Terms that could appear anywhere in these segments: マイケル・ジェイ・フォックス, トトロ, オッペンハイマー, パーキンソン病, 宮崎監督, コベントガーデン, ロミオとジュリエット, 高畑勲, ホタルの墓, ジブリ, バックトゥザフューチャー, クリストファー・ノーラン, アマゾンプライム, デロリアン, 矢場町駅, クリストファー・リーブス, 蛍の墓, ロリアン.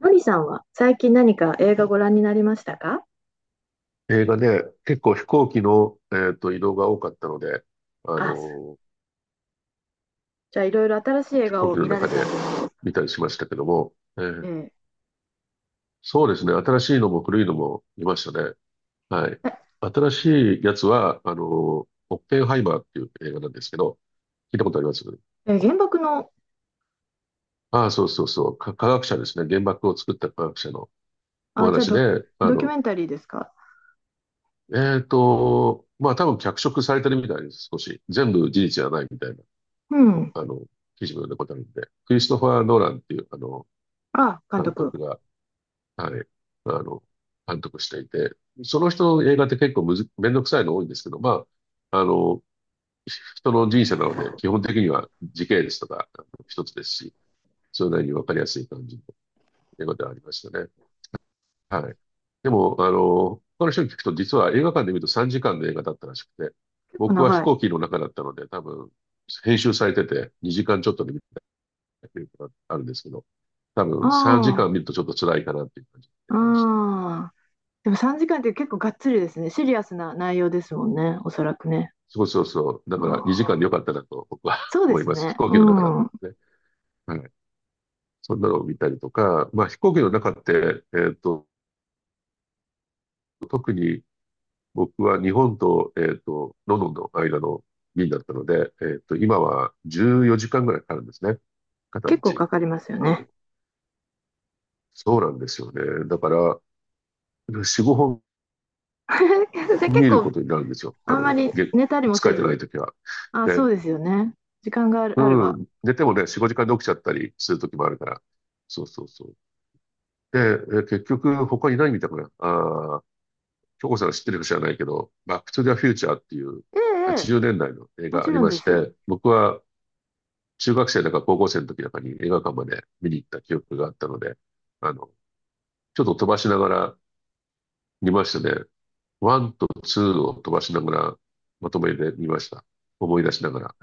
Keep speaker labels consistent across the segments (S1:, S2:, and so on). S1: のりさんは最近何か映画ご覧になりましたか？
S2: 映画ね、結構飛行機の、移動が多かったので、あの
S1: あ。
S2: ー、
S1: じゃあいろいろ新しい映
S2: 飛
S1: 画
S2: 行
S1: を
S2: 機の
S1: 見られ
S2: 中
S1: たんで
S2: で
S1: すね。
S2: 見たりしましたけども、
S1: え
S2: そうですね、新しいのも古いのも見ましたね。はい。新しいやつは、オッペンハイマーっていう映画なんですけど、聞いたことあります？
S1: え、え、原爆の。
S2: ああ、そうそうそう、科学者ですね、原爆を作った科学者のお
S1: あ、じゃあ
S2: 話
S1: ド、
S2: で、
S1: ドキュメンタリーですか？
S2: まあ多分脚色されてるみたいです、少し。全部事実じゃないみたいな。
S1: うん。
S2: あの、記事も読んだことあるんで、クリストファー・ノーランっていう、
S1: あ、監
S2: 監督
S1: 督。
S2: が、はい、あの、監督していて、その人の映画って結構むず、めんどくさいの多いんですけど、まあ、人の人生なので、基本的には時系列とか一つですし、それなりにわかりやすい感じの映画ではありましたね。はい。でも、他の人に聞くと、実は映画館で見ると3時間の映画だったらしくて、
S1: 結構
S2: 僕は飛
S1: 長い。
S2: 行機の中だったので、多分、編集されてて2時間ちょっとで見たっていうのがあるんですけど、多分
S1: あ
S2: 3時間見るとちょっと辛いかなっていう感じ
S1: あ、
S2: の映画でしたね。
S1: ああ。でも3時間って結構がっつりですね。シリアスな内容ですもんね。おそらくね。
S2: そうそうそう。だ
S1: あ
S2: から2
S1: ー、
S2: 時間でよかったなと僕は
S1: そ うで
S2: 思い
S1: す
S2: ます。飛
S1: ね。
S2: 行
S1: う
S2: 機の中だった
S1: ん。
S2: のでね。はい。そんなのを見たりとか、まあ飛行機の中って、特に僕は日本と、ロンドンの間の便だったので、今は14時間ぐらいかかるんですね。片道。
S1: 結構かかりますよ
S2: あ
S1: ね。
S2: の、そうなんですよね。だから、4、5
S1: で、
S2: 本
S1: 結
S2: 見る
S1: 構
S2: ことになるんですよ。
S1: あんまり寝たりも
S2: 疲
S1: せ
S2: れてない
S1: ず。
S2: ときは。
S1: あ、そ
S2: で、
S1: うですよね。時間がある、あれ
S2: う
S1: ば。
S2: ん。寝てもね、4、5時間で起きちゃったりする時もあるから。そうそうそう。で、結局他いないみたいかな。ああ、京子さんが知ってるか知らないけど、バックトゥザフューチャーっていう
S1: ええ、ええ、
S2: 80年代の映
S1: も
S2: 画
S1: ち
S2: あり
S1: ろん
S2: ま
S1: で
S2: し
S1: す。
S2: て、僕は中学生だか高校生の時なんかに映画館まで見に行った記憶があったので、あの、ちょっと飛ばしながら見ましたね。ワンとツーを飛ばしながらまとめで見ました。思い出しながら。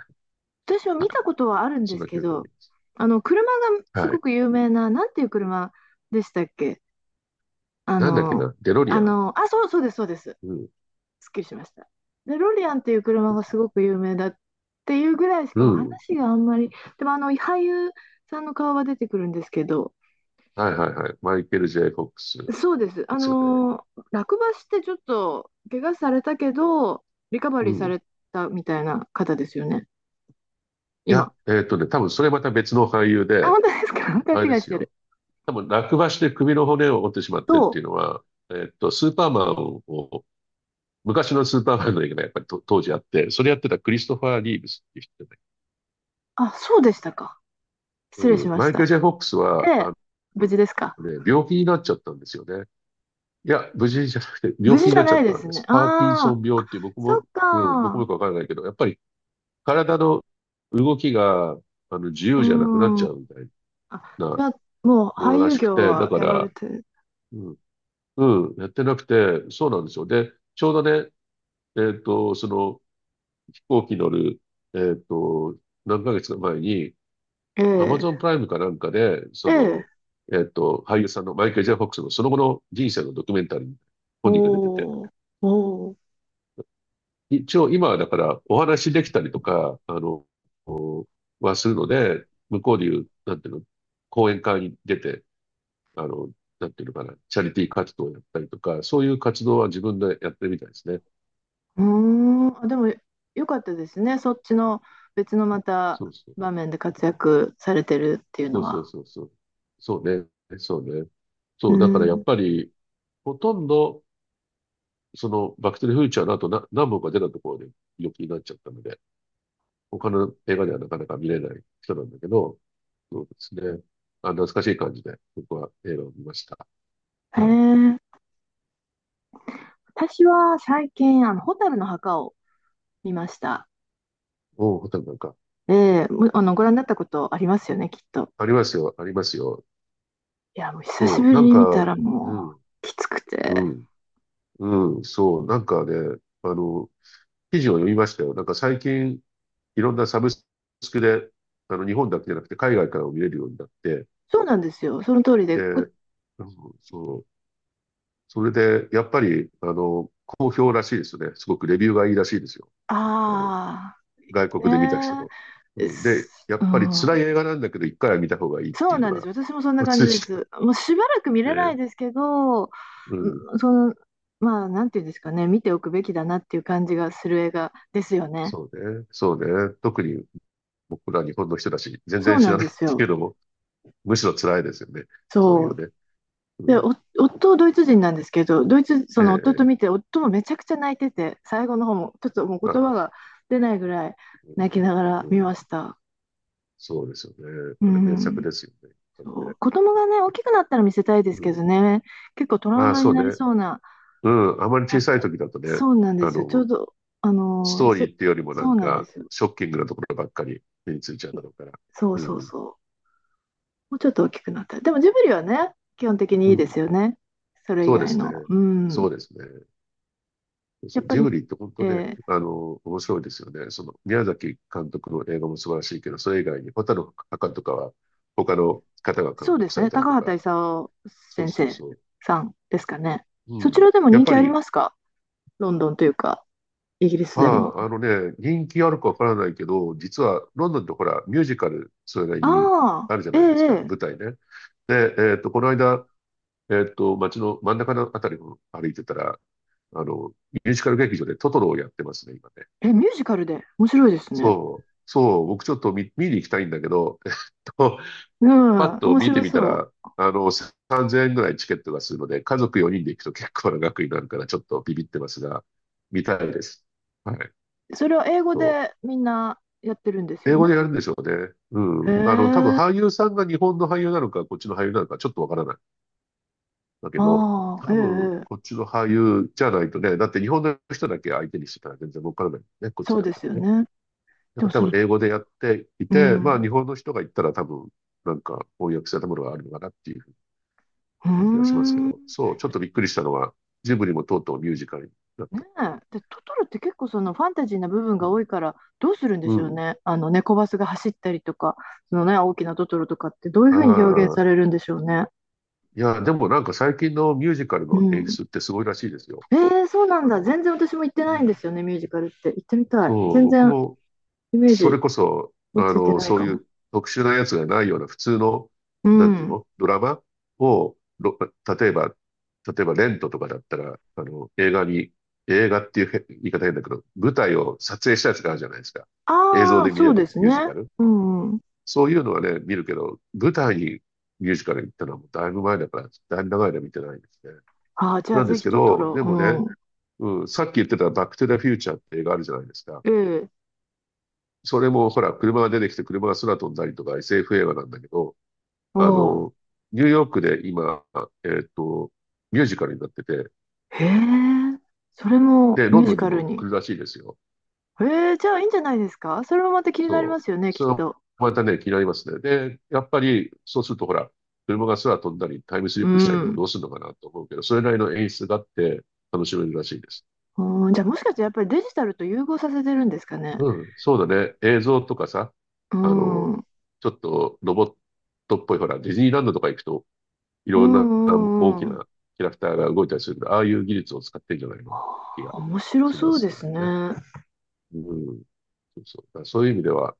S1: 私は
S2: は
S1: 見
S2: い。
S1: たことはあるん
S2: そ
S1: で
S2: ん
S1: す
S2: な
S1: け
S2: 記憶があ
S1: ど、
S2: ります。
S1: あの、車がす
S2: は
S1: ご
S2: い。
S1: く有名な、なんていう車でしたっけ？あ
S2: なんだっけ
S1: の、
S2: な、デロリ
S1: あ
S2: アン。
S1: の、あ、そう、そうです、そうです。
S2: うん。
S1: すっきりしました。で、ロリアンっていう車がすごく有名だっていうぐらいし
S2: う
S1: かも
S2: ん。
S1: 話があんまり。でも、あの、俳優さんの顔は出てくるんですけど、
S2: はいはいはい。マイケル・ジェイ・フォックスで
S1: そうです。あ
S2: すよね。
S1: のー、落馬してちょっと怪我されたけど、リカバリ
S2: う
S1: ーさ
S2: ん。い
S1: れたみたいな方ですよね、今。
S2: や、多分それまた別の俳優
S1: あ、
S2: で、
S1: 本当ですか？ 勘
S2: あれで
S1: 違いし
S2: す
S1: てる。
S2: よ。多分落馬して首の骨を折ってしまってって
S1: と
S2: いうのは、スーパーマンを、昔のスーパーマンの映画がねやっぱりと当時あって、それやってたクリストファー・リーブスっていう人で、
S1: あ、そうでしたか。失礼
S2: う
S1: し
S2: ん。
S1: ま
S2: マ
S1: し
S2: イケル・
S1: た。
S2: ジェイ・フォックス
S1: え
S2: は、
S1: え、無
S2: の
S1: 事ですか？
S2: ね、病気になっちゃったんですよね。いや、無事じゃなくて、
S1: 無
S2: 病
S1: 事
S2: 気に
S1: じゃ
S2: なっち
S1: な
S2: ゃっ
S1: いで
S2: たん
S1: す
S2: で
S1: ね。
S2: す。パーキン
S1: あ
S2: ソン
S1: あ、
S2: 病
S1: あ、
S2: っていう、僕
S1: そっ
S2: も、うん、僕もよ
S1: か。
S2: くわからないけど、やっぱり体の動きが、自由じゃなくなっ
S1: うん。
S2: ちゃうみたい
S1: あ、じ
S2: な
S1: ゃあ、もう
S2: もの
S1: 俳
S2: ら
S1: 優
S2: しく
S1: 業
S2: て、だ
S1: は
S2: か
S1: やられ
S2: ら、
S1: て、
S2: うん、うん、やってなくて、そうなんですよ。で、ちょうどね、えっと、その、飛行機乗る、えっと、何ヶ月か前に、
S1: え
S2: アマ
S1: え、
S2: ゾンプライムかなんかで、
S1: ええ、
S2: 俳優さんのマイケル・ジェイ・フォックスのその後の人生のドキュメンタリー、本人が出てて、
S1: おー、おー、
S2: 一応今はだからお話できたりとか、おはするので、向こうでいう、なんていうの、講演会に出て、あの、なんていうのかな、チャリティー活動をやったりとか、そういう活動は自分でやってるみたいですね。
S1: うーん。あ、でも、よかったですね。そっちの別のまた
S2: そうそう。
S1: 場面で活躍されてるっていう
S2: そ
S1: の
S2: うそう
S1: は。
S2: そうそう。そうね。そうね。
S1: う
S2: そう、だからや
S1: ん。
S2: っぱり、ほとんど、バックトゥザフューチャーの後な、何本か出たところで病気になっちゃったので、他の映画ではなかなか見れない人なんだけど、そうですね。あ、懐かしい感じで、僕は映画を見ました。
S1: へ
S2: はい。
S1: え。私は最近、あの、蛍の墓を見ました。
S2: おう、ホタルなんか、
S1: ええ、あの、ご覧になったことありますよね、きっと。
S2: ありますよ、ありますよ。
S1: いや、もう久し
S2: そう、
S1: ぶ
S2: な
S1: り
S2: ん
S1: に
S2: か、
S1: 見たらも
S2: うん、
S1: う、きつく
S2: う
S1: て。
S2: ん、うん、そう、なんかね、記事を読みましたよ。なんか最近、いろんなサブスクで、日本だけじゃなくて海外からも見れるようになって、
S1: そうなんですよ、その通りで。
S2: で、うんそう、それで、やっぱり、好評らしいですね。すごくレビューがいいらしいですよ。あの、
S1: あ
S2: 外
S1: あ、
S2: 国で見た人
S1: ね
S2: の。
S1: え、
S2: うん、で、やっ
S1: う
S2: ぱり辛い
S1: ん。
S2: 映画なんだけど、一回は見た方がいいっ
S1: そ
S2: て
S1: う
S2: いうの
S1: なんです
S2: が
S1: よ、私もそんな
S2: 共
S1: 感
S2: 通
S1: じ
S2: で
S1: で
S2: した。
S1: す。もうしばらく見れない
S2: ね。
S1: ですけど、う
S2: うん。
S1: ん、その、まあ、なんていうんですかね、見ておくべきだなっていう感じがする映画ですよね。
S2: そうね。そうね。特に僕ら日本の人だし、全
S1: そう
S2: 然知
S1: な
S2: ら
S1: ん
S2: ない
S1: で
S2: っ
S1: す
S2: て
S1: よ。
S2: いうのも、むしろ辛いですよね。そうい
S1: そ
S2: う
S1: う。
S2: ね。う
S1: で、
S2: ん。
S1: 夫、ドイツ人なんですけど、ドイツ、そ
S2: え
S1: の夫と
S2: え、え
S1: 見
S2: え
S1: て、夫もめちゃくちゃ泣いてて、最後の方も、ちょっともう
S2: あ
S1: 言葉
S2: あ、
S1: が出ないぐらい泣きながら
S2: うん、う
S1: 見
S2: ん
S1: ました。
S2: そうですよね。
S1: う
S2: これ名作
S1: ん。
S2: ですよね。やっぱり
S1: そ
S2: ね。
S1: う。子供がね、大きくなったら見せたいで
S2: う
S1: すけ
S2: ん。
S1: どね、結構トラウ
S2: ああ、
S1: マ
S2: そ
S1: に
S2: う
S1: なり
S2: ね。
S1: そうな。
S2: うん。あまり
S1: あ、
S2: 小さい時だとね、
S1: そうなんで
S2: あ
S1: すよ。ちょう
S2: の、
S1: ど、あ
S2: ス
S1: の
S2: ト
S1: ー、
S2: ーリ
S1: せ、
S2: ーっていうよりもな
S1: そ
S2: ん
S1: うなんで
S2: か、
S1: すよ。
S2: ショッキングなところばっかり目についちゃうだ
S1: い
S2: ろうから。
S1: そう
S2: う
S1: そう
S2: ん。
S1: そう。もうちょっと大きくなったら。でもジブリはね、基本的に
S2: う
S1: いいで
S2: ん。
S1: すよね。それ以
S2: そうで
S1: 外
S2: す
S1: の。
S2: ね。
S1: う
S2: そ
S1: ん。
S2: うですね。
S1: や
S2: そ
S1: っ
S2: う、
S1: ぱ
S2: ジ
S1: り、
S2: ブリって本
S1: え
S2: 当ね、
S1: ー
S2: 面白いですよね。宮崎監督の映画も素晴らしいけど、それ以外に、ホタルの墓とかは、他の方が
S1: そ
S2: 監
S1: うで
S2: 督
S1: す
S2: され
S1: ね。
S2: たり
S1: 高
S2: とか。
S1: 畑勲
S2: そう
S1: 先
S2: そう
S1: 生
S2: そう。
S1: さんですかね。
S2: う
S1: そち
S2: ん。
S1: らでも
S2: や
S1: 人
S2: っぱ
S1: 気あり
S2: り、
S1: ますか？ロンドンというか、イギリス
S2: ま
S1: でも。
S2: あ、人気あるかわからないけど、実は、ロンドンってほら、ミュージカル、それなり
S1: あ
S2: に
S1: あ、
S2: あるじゃ
S1: え
S2: ないですか、
S1: え、え
S2: 舞台ね。で、この間、街の真ん中のあたりを歩いてたら、ミュージカル劇場でトトロをやってますね、今ね。
S1: え、え、ミュージカルで。面白いですね。
S2: そう、そう、僕ちょっと見に行きたいんだけど、と、
S1: う
S2: パ
S1: ん、
S2: ッと
S1: 面
S2: 見て
S1: 白
S2: みた
S1: そ
S2: ら、3000円ぐらいチケットがするので、家族4人で行くと結構な額になるから、ちょっとビビってますが、見たいです。はい。
S1: う。それは英語
S2: そ
S1: でみんなやってるんです
S2: う。
S1: よ
S2: 英語
S1: ね。
S2: でやるんでしょうね。う
S1: へ
S2: ん。多分
S1: え、あ
S2: 俳優さんが日本の俳優なのか、こっちの俳優なのか、ちょっとわからない。だけど、
S1: あ、ええ、
S2: 多分、
S1: え
S2: こっ
S1: え、
S2: ちの俳優じゃないとね、だって日本の人だけ相手にしてたら全然わからないね、こっち
S1: そう
S2: でやっ
S1: で
S2: て
S1: す
S2: も
S1: よ
S2: ね。
S1: ね。
S2: なん
S1: で
S2: か
S1: も、
S2: 多
S1: そ
S2: 分
S1: の、
S2: 英語でやってい
S1: う
S2: て、まあ
S1: ん、
S2: 日本の人が言ったら多分なんか翻訳されたものがあるのかなっていう
S1: うー
S2: 感じがしますけど、
S1: ん。
S2: そう、ちょっとびっくりしたのは、ジブリもとうとうミュージカルになっ
S1: ね
S2: たっ
S1: え。
S2: ていう。
S1: で、トトロって結構そのファンタジーな部分
S2: う
S1: が
S2: ん。
S1: 多いから、どうするんで
S2: う
S1: しょう
S2: ん。
S1: ね。あの、猫バスが走ったりとか、そのね、大きなトトロとかってどういうふうに表現
S2: あ
S1: さ
S2: あ、
S1: れるんでしょうね。
S2: いや、でもなんか最近のミュージカル
S1: う
S2: の演
S1: ん。
S2: 出ってすごいらしいですよ。
S1: えー、そうなん
S2: あ
S1: だ。
S2: の、
S1: 全然私も行って
S2: う
S1: ないんで
S2: ん。
S1: すよね、ミュージカルって。行ってみたい。
S2: そう、
S1: 全
S2: 僕
S1: 然
S2: も
S1: イメー
S2: そ
S1: ジ
S2: れこそ、
S1: 追いついてない
S2: そう
S1: か
S2: い
S1: も。
S2: う特殊なやつがないような普通の、
S1: う
S2: なんていう
S1: ん。
S2: のドラマを、例えば、例えばレントとかだったら、映画っていう言い方変だけど、舞台を撮影したやつがあるじゃないですか。映像
S1: ああ、
S2: で見
S1: そ
S2: れ
S1: う
S2: る
S1: です
S2: ミュージ
S1: ね。
S2: カル。
S1: うんうん。
S2: そういうのはね、見るけど、舞台にミュージカル行ったのはもうだいぶ前だから、だいぶ長い間見てないんですね。
S1: ああ、じゃあ
S2: なんで
S1: ぜ
S2: す
S1: ひ
S2: け
S1: トト
S2: ど、
S1: ロ。
S2: でもね、
S1: う
S2: うん、さっき言ってたバックトゥザフューチャーって映画あるじゃないですか。
S1: ん。ええ。
S2: それもほら、車が出てきて車が空飛んだりとか SF 映画なんだけど、
S1: お
S2: あ
S1: お。
S2: の、ニューヨークで今、えーっと、ミュージカルになってて、
S1: へえ。それも
S2: で、ロ
S1: ミュ
S2: ン
S1: ー
S2: ド
S1: ジ
S2: ンに
S1: カル
S2: も
S1: に。
S2: 来るらしいですよ。
S1: えー、じゃあいいんじゃないですか？それもまた気になりま
S2: そう。
S1: すよね、き
S2: そ
S1: っ
S2: れは
S1: と。
S2: またね、気になりますね。で、やっぱり、そうするとほら、車が空飛んだり、タイムスリ
S1: う
S2: ップしたりとか
S1: ん。
S2: どうするのかなと思うけど、それなりの演出があって楽しめるらしいです。
S1: うん、じゃあもしかしてやっぱりデジタルと融合させてるんですかね。
S2: うん、そうだね。映像とかさ、
S1: う
S2: あの、
S1: ん。うん
S2: ちょっとロボットっぽい、ほら、ディズニーランドとか行くとい
S1: う
S2: ろんな大
S1: ん
S2: き
S1: うん。は
S2: なキャラクターが動いたりするんで、ああいう技術を使ってるんじゃないかな気が
S1: あ、面白
S2: しま
S1: そう
S2: す
S1: で
S2: け
S1: すね。
S2: どね。うん。そうそう。だからそういう意味では、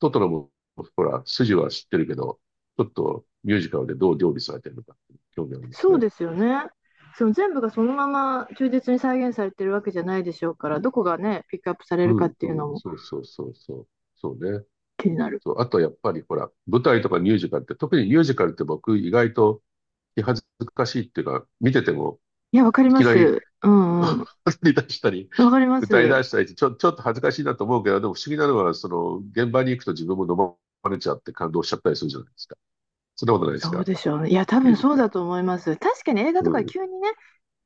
S2: トトロも、ほら、筋は知ってるけど、ちょっとミュージカルでどう料理されてるのかって興味あります
S1: そう
S2: ね。
S1: ですよね。その全部がそのまま忠実に再現されてるわけじゃないでしょうから、どこがね、ピックアップされ
S2: う
S1: るかっ
S2: ん、
S1: ていう
S2: う
S1: の
S2: ん、
S1: も
S2: そうそうそうそう。そうね。
S1: 気になる。
S2: そう、あとやっぱりほら、舞台とかミュージカルって、特にミュージカルって僕意外と気恥ずかしいっていうか、見てても
S1: いや、わかり
S2: い
S1: ま
S2: きなり
S1: す。うんうん。
S2: 踊り出したり、
S1: わかりま
S2: 歌い
S1: す。
S2: 出したりって、ちょっと恥ずかしいなと思うけど、でも不思議なのは、その、現場に行くと自分も飲まれちゃって感動しちゃったりするじゃないですか。そんなことないです
S1: そう
S2: か。
S1: でしょうね。いや、多
S2: ミュ
S1: 分
S2: ージッ
S1: そう
S2: クが。
S1: だと思います。確かに映画
S2: う
S1: とか
S2: ん、
S1: 急にね、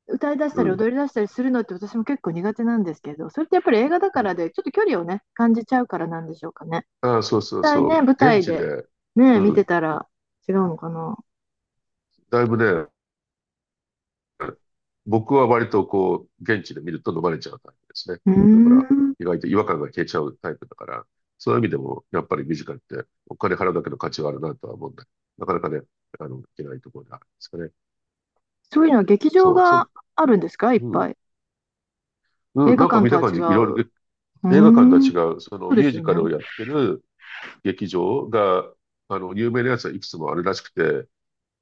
S1: 歌い出し
S2: う
S1: たり
S2: ん。
S1: 踊り出したりするのって私も結構苦手なんですけど、それってやっぱり映画だ
S2: う
S1: か
S2: ん、
S1: らで、ちょっと距離をね、感じちゃうからなんでしょうかね。
S2: ああ、そう
S1: 実
S2: そう
S1: 際
S2: そ
S1: ね、
S2: う。
S1: 舞
S2: 現
S1: 台
S2: 地
S1: で
S2: で、
S1: ね、
S2: う
S1: 見て
S2: ん。
S1: たら違うのかな。
S2: だいぶね、僕は割とこう、現地で見ると飲まれちゃうタイプですね。
S1: うー
S2: だから、
S1: ん。
S2: 意外と違和感が消えちゃうタイプだから、そういう意味でも、やっぱりミュージカルってお金払うだけの価値はあるなとは思うんだけど、なかなかね、いけないところであるんですかね。
S1: そういうのは劇場
S2: そう、
S1: が
S2: そ、
S1: あるんですか？いっ
S2: うん。
S1: ぱい。
S2: う
S1: 映
S2: ん、
S1: 画
S2: なんか
S1: 館
S2: 見
S1: と
S2: た
S1: は
S2: 感
S1: 違
S2: じ、いろい
S1: う。う
S2: ろ
S1: ー
S2: 映画館と
S1: ん。
S2: は違う、そ
S1: そ
S2: の
S1: う
S2: ミ
S1: で
S2: ュー
S1: す
S2: ジ
S1: よ
S2: カ
S1: ね。
S2: ルをやってる劇場が、有名なやつはいくつもあるらしくて、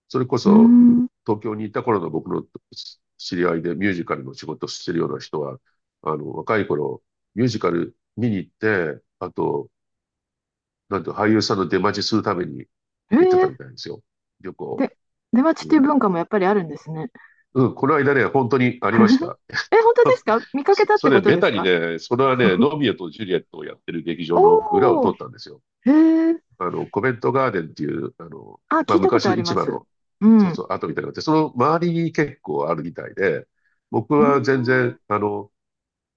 S2: それこ
S1: うー
S2: そ
S1: ん。
S2: 東京にいた頃の僕の知り合いでミュージカルの仕事をしてるような人は、若い頃、ミュージカル見に行って、あと、なんて俳優さんの出待ちするために
S1: え
S2: 行ってた
S1: ー、
S2: みたいですよ。旅行。
S1: で、出待ち
S2: う
S1: っていう
S2: ん。
S1: 文化もやっぱりあるんですね。
S2: うん、この間ね、本当にありまし た。
S1: え、本当ですか？見かけ
S2: そ
S1: たっ
S2: そ
S1: て
S2: れ、
S1: こと
S2: ベ
S1: です
S2: タに
S1: か？
S2: ね、それはね、ロミオとジュリエットをやってる劇場の裏を
S1: お
S2: 通
S1: おー、
S2: ったんですよ。
S1: へえ。
S2: コベントガーデンっていう、
S1: あ、
S2: まあ、
S1: 聞いたこ
S2: 昔
S1: と
S2: の
S1: あり
S2: 市
S1: ま
S2: 場
S1: す。
S2: の、
S1: う
S2: そう
S1: ん。
S2: そう、跡みたいなのがあって、その周りに結構あるみたいで、僕
S1: うー
S2: は全
S1: ん。う
S2: 然、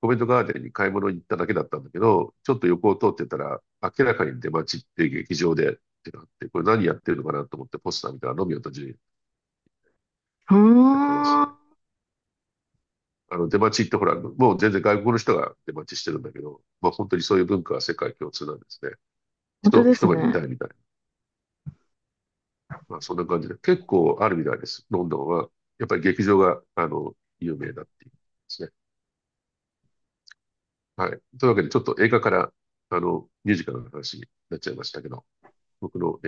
S2: コベントガーデンに買い物に行っただけだったんだけど、ちょっと横を通ってたら、明らかに出待ちっていう劇場でってなって、これ何やってるのかなと思ってポスター見たら、ロミオとジュリエット
S1: ー
S2: やってました
S1: ん。
S2: ね。出待ちってほら、もう全然外国の人が出待ちしてるんだけど、まあ本当にそういう文化は世界共通なんですね。
S1: 本当
S2: 人、
S1: です
S2: 一目見
S1: ね。
S2: たいみたいな。まあそんな感じで、結構あるみたいです。ロンドンは。やっぱり劇場が、有名だっていうですね。はい。というわけで、ちょっと映画から、ミュージカルの話になっちゃいましたけど、僕の